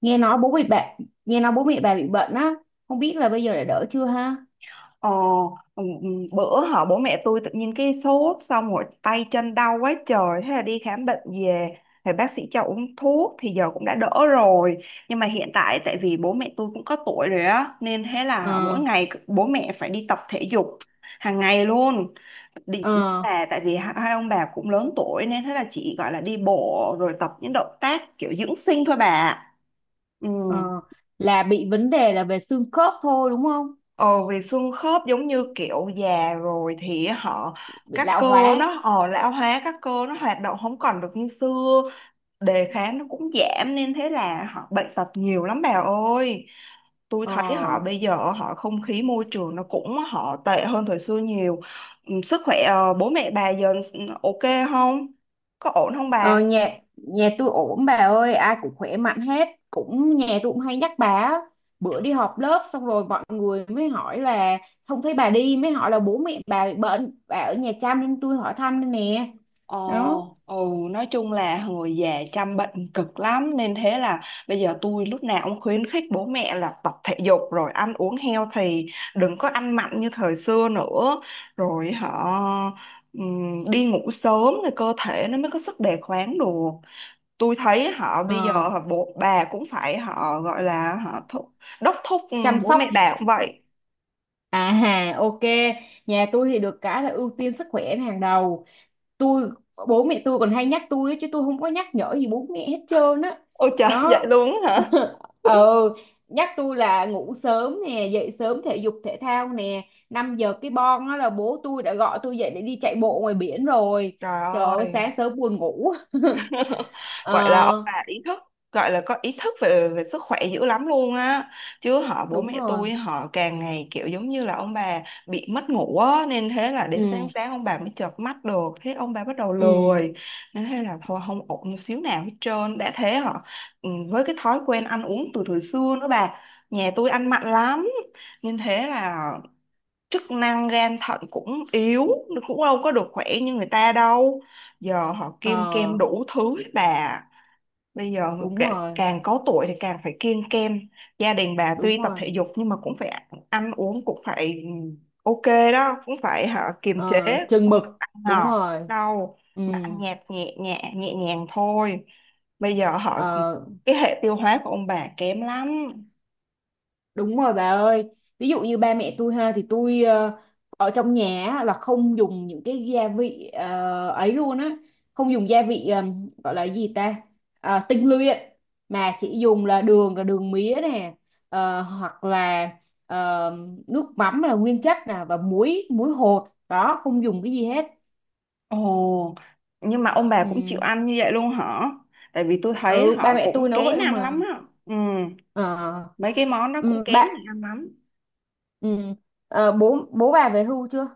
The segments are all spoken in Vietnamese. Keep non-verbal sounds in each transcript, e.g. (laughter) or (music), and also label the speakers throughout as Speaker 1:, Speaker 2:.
Speaker 1: nghe nói bố bị bạn Nghe nói bố mẹ bà bị bệnh á, không biết là bây giờ đã đỡ chưa ha.
Speaker 2: Ờ, ừ, ừ, bữa họ bố mẹ tôi tự nhiên cái sốt xong rồi tay chân đau quá trời, thế là đi khám bệnh về thì bác sĩ cho uống thuốc thì giờ cũng đã đỡ rồi. Nhưng mà hiện tại tại vì bố mẹ tôi cũng có tuổi rồi á nên thế là
Speaker 1: Ờ,
Speaker 2: mỗi ngày bố mẹ phải đi tập thể dục hàng ngày luôn. Đi
Speaker 1: ờ,
Speaker 2: nhưng mà tại vì hai hai ông bà cũng lớn tuổi nên thế là chỉ gọi là đi bộ rồi tập những động tác kiểu dưỡng sinh thôi bà. Ừ.
Speaker 1: ờ, là bị vấn đề là về xương khớp thôi đúng không?
Speaker 2: Ờ, vì xương khớp giống như kiểu già rồi thì họ
Speaker 1: Bị
Speaker 2: các
Speaker 1: lão
Speaker 2: cơ
Speaker 1: hóa.
Speaker 2: nó ờ, lão hóa, các cơ nó hoạt động không còn được như xưa, đề kháng nó cũng giảm nên thế là họ bệnh tật nhiều lắm bà ơi. Tôi thấy họ
Speaker 1: Ờ,
Speaker 2: bây giờ họ không khí môi trường nó cũng họ tệ hơn thời xưa nhiều. Ừ, sức khỏe bố mẹ bà giờ ok không, có ổn không
Speaker 1: ờ,
Speaker 2: bà?
Speaker 1: nhà nhà tôi ổn bà ơi, ai cũng khỏe mạnh hết, cũng nhà tôi cũng hay nhắc bà á. Bữa đi họp lớp xong rồi mọi người mới hỏi là không thấy bà đi, mới hỏi là bố mẹ bà bị bệnh, bà ở nhà chăm nên tôi hỏi thăm đây nè. Đó.
Speaker 2: Ồ, ừ, nói chung là người già chăm bệnh cực lắm nên thế là bây giờ tôi lúc nào cũng khuyến khích bố mẹ là tập thể dục rồi ăn uống healthy, đừng có ăn mặn như thời xưa nữa, rồi họ đi ngủ sớm thì cơ thể nó mới có sức đề kháng được. Tôi thấy họ bây giờ
Speaker 1: Ờ.
Speaker 2: họ bố bà cũng phải họ gọi là họ đốc thúc,
Speaker 1: Chăm
Speaker 2: bố
Speaker 1: sóc.
Speaker 2: mẹ bà cũng vậy.
Speaker 1: À hà, ok, nhà tôi thì được cái là ưu tiên sức khỏe là hàng đầu. Tôi, bố mẹ tôi còn hay nhắc tôi ấy, chứ tôi không có nhắc nhở gì bố mẹ hết trơn á.
Speaker 2: Ôi trời, (laughs) vậy
Speaker 1: Đó.
Speaker 2: luôn á hả?
Speaker 1: Ờ, nhắc tôi là ngủ sớm nè, dậy sớm thể dục thể thao nè. 5 giờ cái bon á là bố tôi đã gọi tôi dậy để đi chạy bộ ngoài biển rồi.
Speaker 2: Trời
Speaker 1: Trời ơi, sáng
Speaker 2: ơi.
Speaker 1: sớm buồn ngủ. (laughs)
Speaker 2: (laughs) Vậy là ông
Speaker 1: Ờ,
Speaker 2: bà ý thức, gọi là có ý thức về về sức khỏe dữ lắm luôn á, chứ họ bố
Speaker 1: đúng
Speaker 2: mẹ
Speaker 1: rồi.
Speaker 2: tôi họ càng ngày kiểu giống như là ông bà bị mất ngủ á nên thế là đến
Speaker 1: Ừ,
Speaker 2: sáng sáng ông bà mới chợp mắt được, thế ông bà bắt đầu
Speaker 1: ừ.
Speaker 2: lười nên thế là thôi, không ổn một xíu nào hết trơn. Đã thế họ, với cái thói quen ăn uống từ thời xưa nữa bà, nhà tôi ăn mặn lắm nên thế là chức năng gan thận cũng yếu, nó cũng đâu có được khỏe như người ta đâu, giờ họ kiêng kem
Speaker 1: Ờ,
Speaker 2: đủ thứ hết bà. Bây giờ
Speaker 1: đúng rồi,
Speaker 2: càng có tuổi thì càng phải kiêng kem, gia đình bà
Speaker 1: đúng
Speaker 2: tuy tập
Speaker 1: rồi.
Speaker 2: thể dục nhưng mà cũng phải ăn uống, cũng phải ok đó, cũng phải hả, kiềm chế,
Speaker 1: Ờ, chừng
Speaker 2: không
Speaker 1: mực,
Speaker 2: được ăn
Speaker 1: đúng
Speaker 2: ngọt
Speaker 1: rồi.
Speaker 2: đâu,
Speaker 1: Ừ.
Speaker 2: mà ăn nhạt, nhẹ nhẹ nhẹ nhàng thôi. Bây giờ họ
Speaker 1: Ờ,
Speaker 2: cái hệ tiêu hóa của ông bà kém lắm.
Speaker 1: đúng rồi bà ơi, ví dụ như ba mẹ tôi ha, thì tôi ở trong nhà á, là không dùng những cái gia vị ấy luôn á, không dùng gia vị gọi là gì ta. Ờ, tinh luyện, mà chỉ dùng là đường mía nè, hoặc là, ờ, nước mắm là nguyên chất nè, và muối muối hột đó, không dùng cái gì hết.
Speaker 2: Ồ, nhưng mà ông bà cũng chịu
Speaker 1: Ừ,
Speaker 2: ăn như vậy luôn hả? Tại vì tôi thấy
Speaker 1: ừ, ba
Speaker 2: họ
Speaker 1: mẹ tôi
Speaker 2: cũng
Speaker 1: nấu vậy
Speaker 2: kén
Speaker 1: không
Speaker 2: ăn lắm
Speaker 1: mà.
Speaker 2: á. Ừ,
Speaker 1: Ờ,
Speaker 2: mấy cái món đó cũng
Speaker 1: ừ,
Speaker 2: kén
Speaker 1: bạn,
Speaker 2: người ăn lắm.
Speaker 1: ừ, bố bố bà về hưu chưa?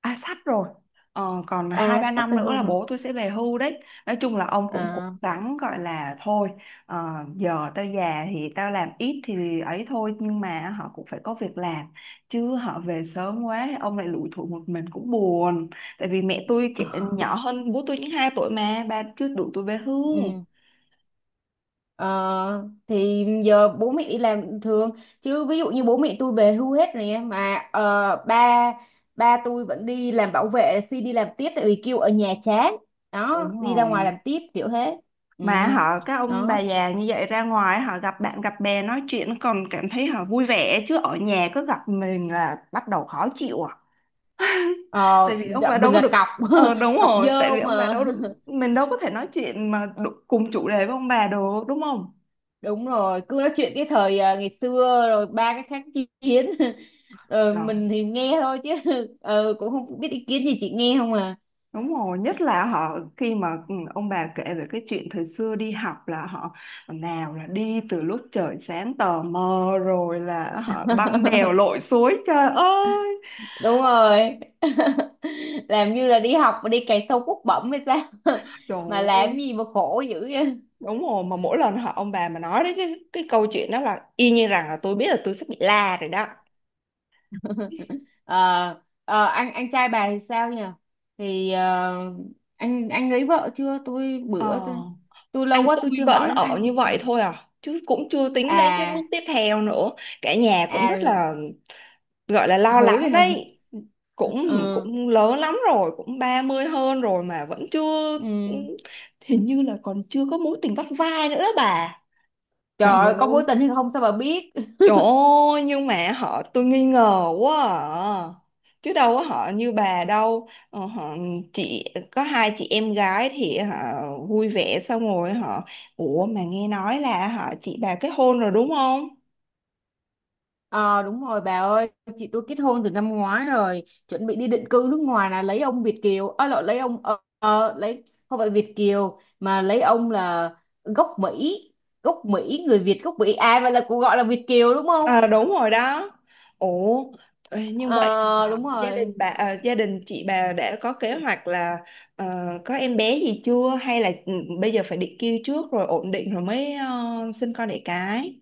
Speaker 2: À, sắp rồi. Ờ, còn hai
Speaker 1: À
Speaker 2: ba
Speaker 1: sắp
Speaker 2: năm
Speaker 1: về
Speaker 2: nữa
Speaker 1: hưu
Speaker 2: là
Speaker 1: hả?
Speaker 2: bố tôi sẽ về hưu đấy. Nói chung là ông cũng cố
Speaker 1: À,
Speaker 2: gắng gọi là thôi, ờ, giờ tao già thì tao làm ít thì ấy thôi. Nhưng mà họ cũng phải có việc làm. Chứ họ về sớm quá, ông lại lủi thủi một mình cũng buồn. Tại vì mẹ tôi trẻ,
Speaker 1: ờ,
Speaker 2: nhỏ hơn bố tôi những 2 tuổi mà, bà chưa đủ tuổi về hưu.
Speaker 1: ừ. Ờ, thì giờ bố mẹ đi làm thường, chứ ví dụ như bố mẹ tôi về hưu hết rồi nha, mà ba ba tôi vẫn đi làm bảo vệ, xin đi làm tiếp, tại vì kêu ở nhà chán đó,
Speaker 2: Đúng
Speaker 1: đi ra ngoài
Speaker 2: rồi.
Speaker 1: làm tiếp kiểu thế. Ừ.
Speaker 2: Mà họ các ông bà
Speaker 1: Đó.
Speaker 2: già như vậy ra ngoài họ gặp bạn gặp bè nói chuyện còn cảm thấy họ vui vẻ, chứ ở nhà cứ gặp mình là bắt đầu khó chịu à.
Speaker 1: Ờ,
Speaker 2: Tại vì ông
Speaker 1: gặp
Speaker 2: bà đâu
Speaker 1: mình
Speaker 2: có
Speaker 1: là
Speaker 2: được.
Speaker 1: cọc
Speaker 2: Ờ đúng
Speaker 1: (laughs) cọc
Speaker 2: rồi, tại
Speaker 1: dơ
Speaker 2: vì ông bà đâu
Speaker 1: mà.
Speaker 2: được,
Speaker 1: (laughs)
Speaker 2: mình đâu có thể nói chuyện mà cùng chủ đề với ông bà được, đúng không?
Speaker 1: Đúng rồi, cứ nói chuyện cái thời ngày xưa rồi ba cái kháng chiến. (laughs) Rồi
Speaker 2: Đó,
Speaker 1: mình thì nghe thôi chứ. (laughs) Ờ, cũng không biết ý kiến gì, chị nghe không à.
Speaker 2: đúng rồi, nhất là họ khi mà ông bà kể về cái chuyện thời xưa đi học là họ, nào là đi từ lúc trời sáng tờ mờ rồi là họ băng đèo
Speaker 1: (laughs)
Speaker 2: lội suối, trời ơi.
Speaker 1: Đúng rồi. (laughs) Làm như là đi học mà đi cày sâu cuốc bẩm hay sao. (laughs) Mà làm
Speaker 2: Trời,
Speaker 1: gì mà khổ dữ vậy.
Speaker 2: đúng rồi, mà mỗi lần họ ông bà mà nói đến cái câu chuyện đó là y như rằng là tôi biết là tôi sắp bị la rồi đó.
Speaker 1: Ờ, ờ, anh trai bà thì sao nhỉ? Thì ờ, anh lấy vợ chưa, tôi
Speaker 2: Ờ,
Speaker 1: bữa tôi lâu
Speaker 2: anh
Speaker 1: quá
Speaker 2: tôi
Speaker 1: tôi chưa
Speaker 2: vẫn
Speaker 1: hỏi đến
Speaker 2: ở
Speaker 1: anh.
Speaker 2: như vậy thôi à, chứ cũng chưa tính đến cái bước
Speaker 1: À,
Speaker 2: tiếp theo nữa, cả nhà cũng rất
Speaker 1: à,
Speaker 2: là gọi là lo lắng
Speaker 1: hối hả. (laughs)
Speaker 2: đấy, cũng
Speaker 1: Ờ,
Speaker 2: cũng lớn lắm rồi, cũng 30 hơn rồi mà vẫn chưa,
Speaker 1: ừ.
Speaker 2: hình như là còn chưa có mối tình vắt vai nữa đó bà.
Speaker 1: Trời
Speaker 2: Trời
Speaker 1: ơi, có
Speaker 2: ơi.
Speaker 1: mối tình hay không sao bà biết.
Speaker 2: Trời ơi, nhưng mà họ tôi nghi ngờ quá à. Chứ đâu có họ như bà đâu. Ờ, họ chị có hai chị em gái thì họ vui vẻ, xong rồi họ, ủa mà nghe nói là họ chị bà kết hôn rồi đúng không?
Speaker 1: Ờ đúng rồi bà ơi, chị tôi kết hôn từ năm ngoái rồi, chuẩn bị đi định cư nước ngoài, là lấy ông Việt kiều, à, lộn, lấy ông, ờ, ờ, lấy không phải Việt kiều, mà lấy ông là gốc Mỹ, gốc Mỹ, người Việt gốc Mỹ. À vậy là cũng gọi là Việt kiều đúng không?
Speaker 2: Ờ đúng rồi đó. Ủa ê, như vậy
Speaker 1: Ờ
Speaker 2: là
Speaker 1: đúng
Speaker 2: gia đình
Speaker 1: rồi.
Speaker 2: bà gia đình chị bà đã có kế hoạch là ờ, có em bé gì chưa, hay là bây giờ phải định kêu trước rồi ổn định rồi mới sinh con đẻ cái?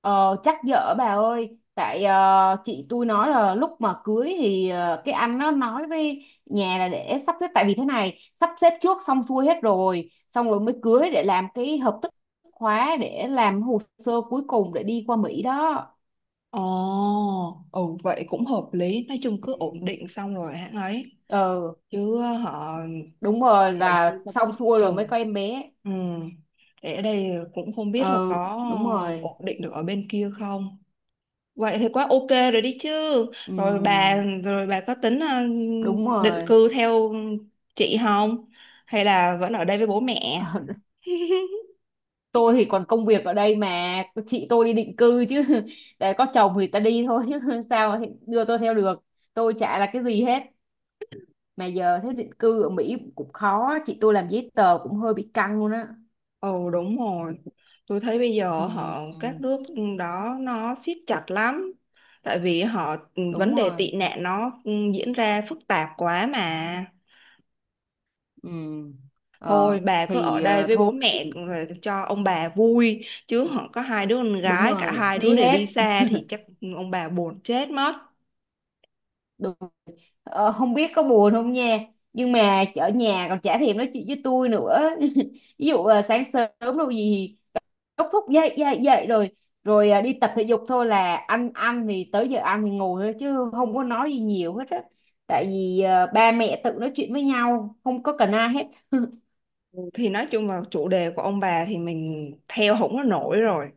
Speaker 1: Ờ, chắc dở bà ơi, tại ờ, chị tôi nói là lúc mà cưới thì ờ, cái anh nó nói với nhà là để sắp xếp, tại vì thế này sắp xếp trước xong xuôi hết rồi, xong rồi mới cưới để làm cái hợp thức khóa, để làm hồ sơ cuối cùng để đi qua Mỹ đó.
Speaker 2: Ồ, ừ vậy cũng hợp lý, nói chung cứ
Speaker 1: Ừ.
Speaker 2: ổn định xong rồi hãng ấy,
Speaker 1: Ờ
Speaker 2: chứ họ
Speaker 1: đúng
Speaker 2: để
Speaker 1: rồi,
Speaker 2: ở
Speaker 1: là
Speaker 2: đây sao cũng
Speaker 1: xong xuôi rồi mới
Speaker 2: chừng.
Speaker 1: có em bé.
Speaker 2: Ừ, để ở đây cũng không biết là
Speaker 1: Ờ
Speaker 2: có
Speaker 1: đúng rồi.
Speaker 2: ổn định được ở bên kia không. Vậy thì quá ok rồi đi chứ.
Speaker 1: Ừ,
Speaker 2: Rồi bà, rồi bà có tính
Speaker 1: đúng
Speaker 2: định
Speaker 1: rồi.
Speaker 2: cư theo chị không? Hay là vẫn ở đây với bố mẹ?
Speaker 1: (laughs)
Speaker 2: (laughs)
Speaker 1: Tôi thì còn công việc ở đây mà, chị tôi đi định cư chứ. (laughs) Để có chồng thì ta đi thôi chứ, (laughs) sao thì đưa tôi theo được, tôi chả là cái gì hết. Mà giờ thế định cư ở Mỹ cũng khó, chị tôi làm giấy tờ cũng hơi bị căng luôn á.
Speaker 2: Ồ đúng rồi, tôi thấy bây
Speaker 1: Ừ,
Speaker 2: giờ họ
Speaker 1: ừ,
Speaker 2: các nước đó nó siết chặt lắm, tại vì họ vấn
Speaker 1: đúng
Speaker 2: đề
Speaker 1: rồi,
Speaker 2: tị nạn nó diễn ra phức tạp quá mà.
Speaker 1: ừ. Ờ,
Speaker 2: Thôi bà cứ ở
Speaker 1: thì
Speaker 2: đây
Speaker 1: ờ,
Speaker 2: với
Speaker 1: thôi
Speaker 2: bố mẹ
Speaker 1: thì,
Speaker 2: rồi cho ông bà vui, chứ họ có hai đứa con
Speaker 1: đúng
Speaker 2: gái, cả
Speaker 1: rồi,
Speaker 2: hai đứa
Speaker 1: đi
Speaker 2: đều
Speaker 1: hết.
Speaker 2: đi xa thì chắc ông bà buồn chết mất.
Speaker 1: Đúng. Ờ, không biết có buồn không nha, nhưng mà ở nhà còn chả thèm nói chuyện với tôi nữa. (laughs) Ví dụ ờ, sáng sớm, đâu gì, đốc thúc dậy dậy dậy rồi, rồi à, đi tập thể dục thôi, là ăn ăn thì tới giờ ăn thì ngồi thôi chứ không có nói gì nhiều hết á, tại vì à, ba mẹ tự nói chuyện với nhau không có cần ai hết. (laughs)
Speaker 2: Ừ, thì nói chung là chủ đề của ông bà thì mình theo không có nổi rồi,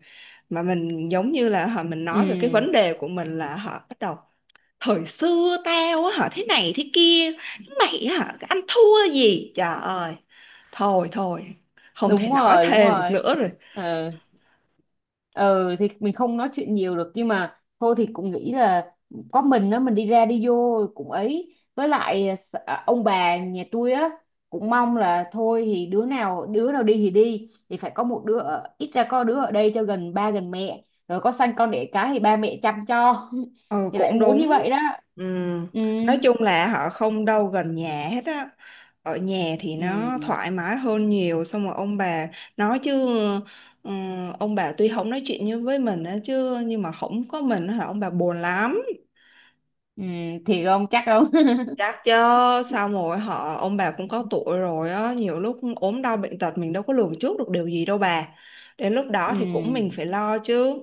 Speaker 2: mà mình giống như là họ mình
Speaker 1: Ừ
Speaker 2: nói về cái vấn đề của mình là họ bắt đầu thời xưa tao á hả thế này thế kia, mày á hả ăn thua gì, trời ơi, thôi thôi, không
Speaker 1: đúng
Speaker 2: thể nói
Speaker 1: rồi, đúng
Speaker 2: thêm được
Speaker 1: rồi.
Speaker 2: nữa rồi.
Speaker 1: Ừ, ừ, thì mình không nói chuyện nhiều được, nhưng mà thôi thì cũng nghĩ là có mình á, mình đi ra đi vô cũng ấy, với lại à, ông bà nhà tôi á cũng mong là thôi thì đứa nào đi thì đi, thì phải có một đứa ở, ít ra có đứa ở đây cho gần ba gần mẹ, rồi có sanh con đẻ cái thì ba mẹ chăm cho.
Speaker 2: Ừ
Speaker 1: (laughs) Thì lại
Speaker 2: cũng
Speaker 1: muốn như
Speaker 2: đúng.
Speaker 1: vậy đó.
Speaker 2: Ừ.
Speaker 1: Ừ,
Speaker 2: Nói chung là họ không đâu gần nhà hết á, ở nhà thì nó
Speaker 1: ừ,
Speaker 2: thoải mái hơn nhiều, xong rồi ông bà nói chứ, ừ, ông bà tuy không nói chuyện như với mình á chứ nhưng mà không có mình á hả ông bà buồn lắm.
Speaker 1: ừ, thì không chắc đâu. (laughs)
Speaker 2: Chắc chứ, sao mà hỏi, họ ông bà cũng có tuổi rồi á, nhiều lúc ốm đau bệnh tật mình đâu có lường trước được điều gì đâu bà, đến lúc đó thì cũng mình
Speaker 1: Ừ
Speaker 2: phải lo chứ.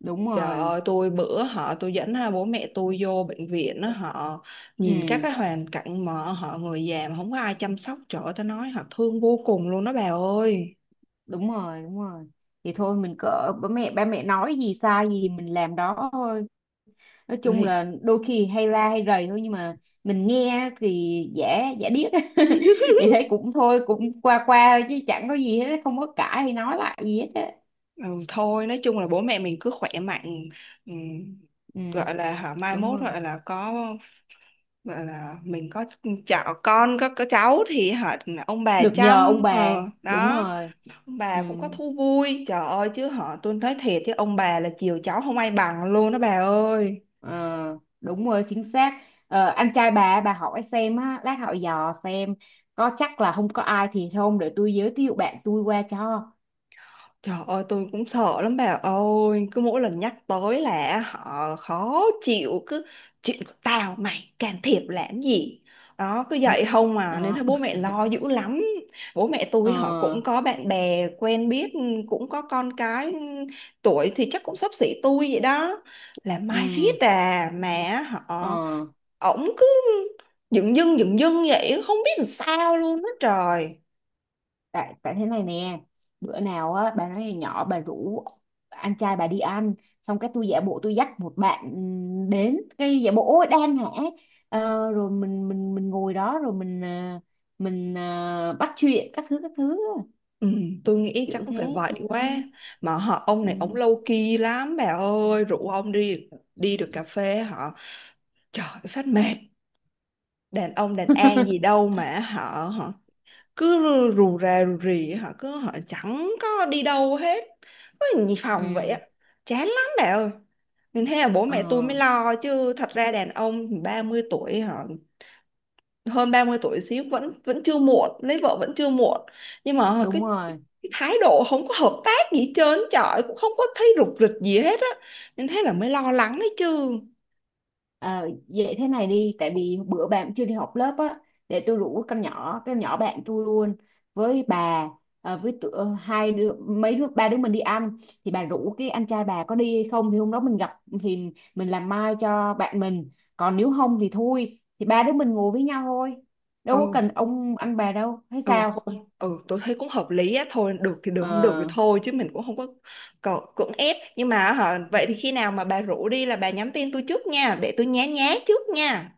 Speaker 1: đúng
Speaker 2: Trời
Speaker 1: rồi,
Speaker 2: ơi, tôi bữa họ tôi dẫn hai bố mẹ tôi vô bệnh viện á, họ nhìn các
Speaker 1: ừ,
Speaker 2: cái hoàn cảnh mà họ người già mà không có ai chăm sóc, trời ơi tôi nói họ thương vô cùng luôn đó bà ơi.
Speaker 1: đúng rồi, đúng rồi. Thì thôi mình cỡ ba mẹ nói gì sai gì thì mình làm đó thôi, nói chung
Speaker 2: Thì-
Speaker 1: là đôi khi hay la hay rầy thôi, nhưng mà mình nghe thì giả giả điếc,
Speaker 2: (laughs)
Speaker 1: (laughs) thì thấy cũng thôi, cũng qua qua chứ chẳng có gì hết, không có cãi hay nói lại gì hết á.
Speaker 2: ừ, thôi nói chung là bố mẹ mình cứ khỏe mạnh, ừ,
Speaker 1: Ừ
Speaker 2: gọi là họ mai
Speaker 1: đúng
Speaker 2: mốt
Speaker 1: rồi,
Speaker 2: gọi là có, gọi là mình có cháu con, có cháu thì họ ông bà
Speaker 1: được nhờ ông
Speaker 2: chăm
Speaker 1: bà, đúng
Speaker 2: đó,
Speaker 1: rồi.
Speaker 2: ông
Speaker 1: Ừ,
Speaker 2: bà cũng có thú vui, trời ơi chứ họ tôi nói thiệt chứ ông bà là chiều cháu không ai bằng luôn đó bà ơi.
Speaker 1: ờ, đúng rồi chính xác. Ờ, anh trai bà hỏi xem á, lát hỏi dò xem có chắc là không có ai, thì không để tôi giới thiệu bạn tôi qua cho.
Speaker 2: Trời ơi tôi cũng sợ lắm bà ơi. Cứ mỗi lần nhắc tới là họ khó chịu, cứ chuyện của tao mày can thiệp làm gì, đó cứ
Speaker 1: Thế-
Speaker 2: vậy không mà, nên thấy
Speaker 1: Đó.
Speaker 2: bố mẹ lo dữ
Speaker 1: (laughs)
Speaker 2: lắm. Bố mẹ tôi
Speaker 1: Ờ,
Speaker 2: họ cũng có bạn bè quen biết, cũng có con cái, tuổi thì chắc cũng xấp xỉ tôi vậy đó, là mai
Speaker 1: ừm,
Speaker 2: riết à, mà
Speaker 1: ờ,
Speaker 2: họ ổng cứ, dựng dưng dựng dưng vậy, không biết làm sao luôn đó trời.
Speaker 1: tại tại thế này nè, bữa nào á bà nói là nhỏ, bà rủ anh trai bà đi ăn, xong cái tôi giả bộ tôi dắt một bạn, đến cái giả bộ ôi đang hả. Ờ, rồi mình ngồi đó rồi mình ờ, bắt chuyện các thứ
Speaker 2: Ừ, tôi nghĩ chắc
Speaker 1: kiểu
Speaker 2: cũng
Speaker 1: thế.
Speaker 2: phải vậy
Speaker 1: Ừ.
Speaker 2: quá, mà họ ông này ông
Speaker 1: Ừ.
Speaker 2: low key lắm bà ơi, rủ ông đi, đi được cà phê họ trời phát mệt, đàn ông đàn an gì
Speaker 1: (laughs)
Speaker 2: đâu mà họ họ cứ rù rà rù rì, họ cứ họ chẳng có đi đâu hết, cứ nhì phòng vậy
Speaker 1: Ừ.
Speaker 2: á, chán lắm bà ơi, nên thế là bố
Speaker 1: Ờ,
Speaker 2: mẹ tôi mới lo chứ, thật ra đàn ông 30 tuổi họ hơn 30 tuổi xíu vẫn vẫn chưa muộn lấy vợ vẫn chưa muộn, nhưng mà
Speaker 1: đúng
Speaker 2: cái, cái,
Speaker 1: rồi.
Speaker 2: cái thái độ không có hợp tác gì hết trơn trời, cũng không có thấy rục rịch gì hết á, nên thế là mới lo lắng đấy chứ.
Speaker 1: Ờ, vậy thế này đi, tại vì bữa bạn chưa đi học lớp á, để tôi rủ con nhỏ bạn tôi luôn với bà, với tụi, ờ, hai đứa mấy đứa ba đứa mình đi ăn, thì bà rủ cái anh trai bà có đi hay không, thì hôm đó mình gặp thì mình làm mai cho bạn mình, còn nếu không thì thôi thì ba đứa mình ngồi với nhau thôi, đâu có
Speaker 2: Ừ,
Speaker 1: cần ông anh bà đâu hay
Speaker 2: ừ
Speaker 1: sao.
Speaker 2: thôi, ừ tôi thấy cũng hợp lý á, thôi được thì được không được thì
Speaker 1: Ờ,
Speaker 2: thôi chứ mình cũng không có cưỡng ép, nhưng mà hả, vậy thì khi nào mà bà rủ đi là bà nhắn tin tôi trước nha, để tôi nhá nhá trước nha.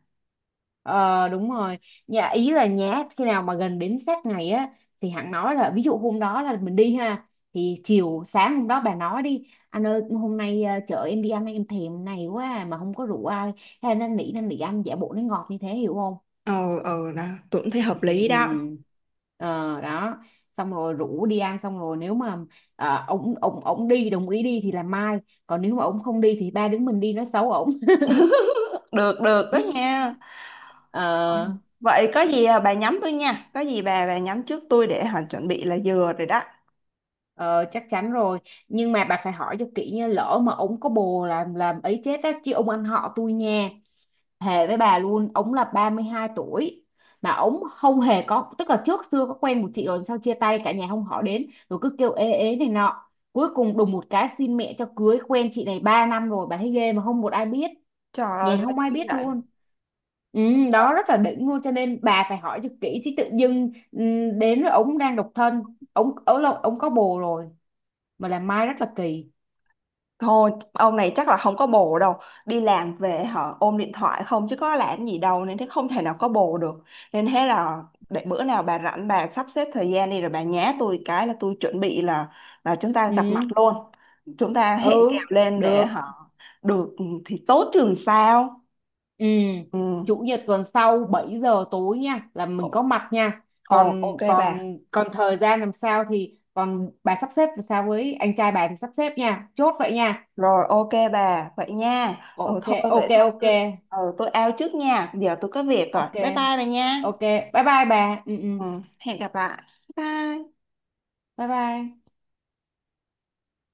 Speaker 1: Ờ đúng rồi, nhà ý là nhá khi nào mà gần đến sát ngày á, thì hẳn nói là ví dụ hôm đó là mình đi ha, thì chiều sáng hôm đó bà nói đi anh ơi hôm nay à, chợ em đi ăn em thèm này quá à, mà không có rượu ai hay nên nỉ anh giả bộ nó ngọt như thế hiểu không.
Speaker 2: Ờ, ừ, ừ đó, tôi cũng thấy
Speaker 1: Ừ,
Speaker 2: hợp
Speaker 1: ừ,
Speaker 2: lý đó.
Speaker 1: ừ. Ờ đó, xong rồi rủ đi ăn, xong rồi nếu mà à, ổng ổng ổng đi, đồng ý đi thì là mai, còn nếu mà ổng không đi thì ba đứa mình đi nói xấu ổng.
Speaker 2: Được được đó nha.
Speaker 1: (laughs) Ờ.
Speaker 2: Ừ. Vậy có gì à, bà nhắm tôi nha, có gì bà nhắm trước tôi để họ chuẩn bị là vừa rồi đó.
Speaker 1: Ờ, chắc chắn rồi. Nhưng mà bà phải hỏi cho kỹ nha, lỡ mà ổng có bồ làm ấy chết á, chứ ông anh họ tôi nha, thề với bà luôn, ổng là 32 tuổi mà ổng không hề có, tức là trước xưa có quen một chị rồi sau chia tay, cả nhà không hỏi đến, rồi cứ kêu ế ế này nọ, cuối cùng đùng một cái xin mẹ cho cưới, quen chị này 3 năm rồi bà thấy ghê, mà không một ai biết,
Speaker 2: Trời ơi
Speaker 1: nhà
Speaker 2: ghê
Speaker 1: không ai
Speaker 2: dữ
Speaker 1: biết
Speaker 2: vậy.
Speaker 1: luôn. Ừ,
Speaker 2: Ờ.
Speaker 1: đó rất là đỉnh luôn, cho nên bà phải hỏi cho kỹ, chứ tự dưng ừ, đến với ổng đang độc thân, ổng ổng là- ổng có bồ rồi mà làm mai rất là kỳ.
Speaker 2: Thôi ông này chắc là không có bồ đâu, đi làm về họ ôm điện thoại không, chứ có làm gì đâu, nên thế không thể nào có bồ được. Nên thế là để bữa nào bà rảnh bà sắp xếp thời gian đi, rồi bà nhá tôi cái là tôi chuẩn bị, là chúng ta
Speaker 1: Ừ,
Speaker 2: gặp mặt luôn, chúng ta hẹn kèo
Speaker 1: ừ,
Speaker 2: lên để
Speaker 1: được,
Speaker 2: họ. Được, ừ, thì tốt chừng sao.
Speaker 1: ừ.
Speaker 2: Ừ.
Speaker 1: Chủ nhật tuần sau 7 giờ tối nha, là
Speaker 2: Ồ,
Speaker 1: mình có mặt nha.
Speaker 2: ồ, ok
Speaker 1: Còn còn
Speaker 2: bà.
Speaker 1: còn thời gian làm sao thì còn bà sắp xếp làm sao với anh trai bà thì sắp xếp nha, chốt vậy nha.
Speaker 2: Rồi ok bà, vậy nha. Ừ
Speaker 1: Ok,
Speaker 2: thôi vậy
Speaker 1: ok,
Speaker 2: thôi,
Speaker 1: ok,
Speaker 2: tôi out trước nha. Giờ tôi có việc rồi.
Speaker 1: ok,
Speaker 2: Bye bye bà nha.
Speaker 1: ok, bye bye bà, ừ, ừ,
Speaker 2: Ừ, hẹn gặp lại. Bye.
Speaker 1: bye bye.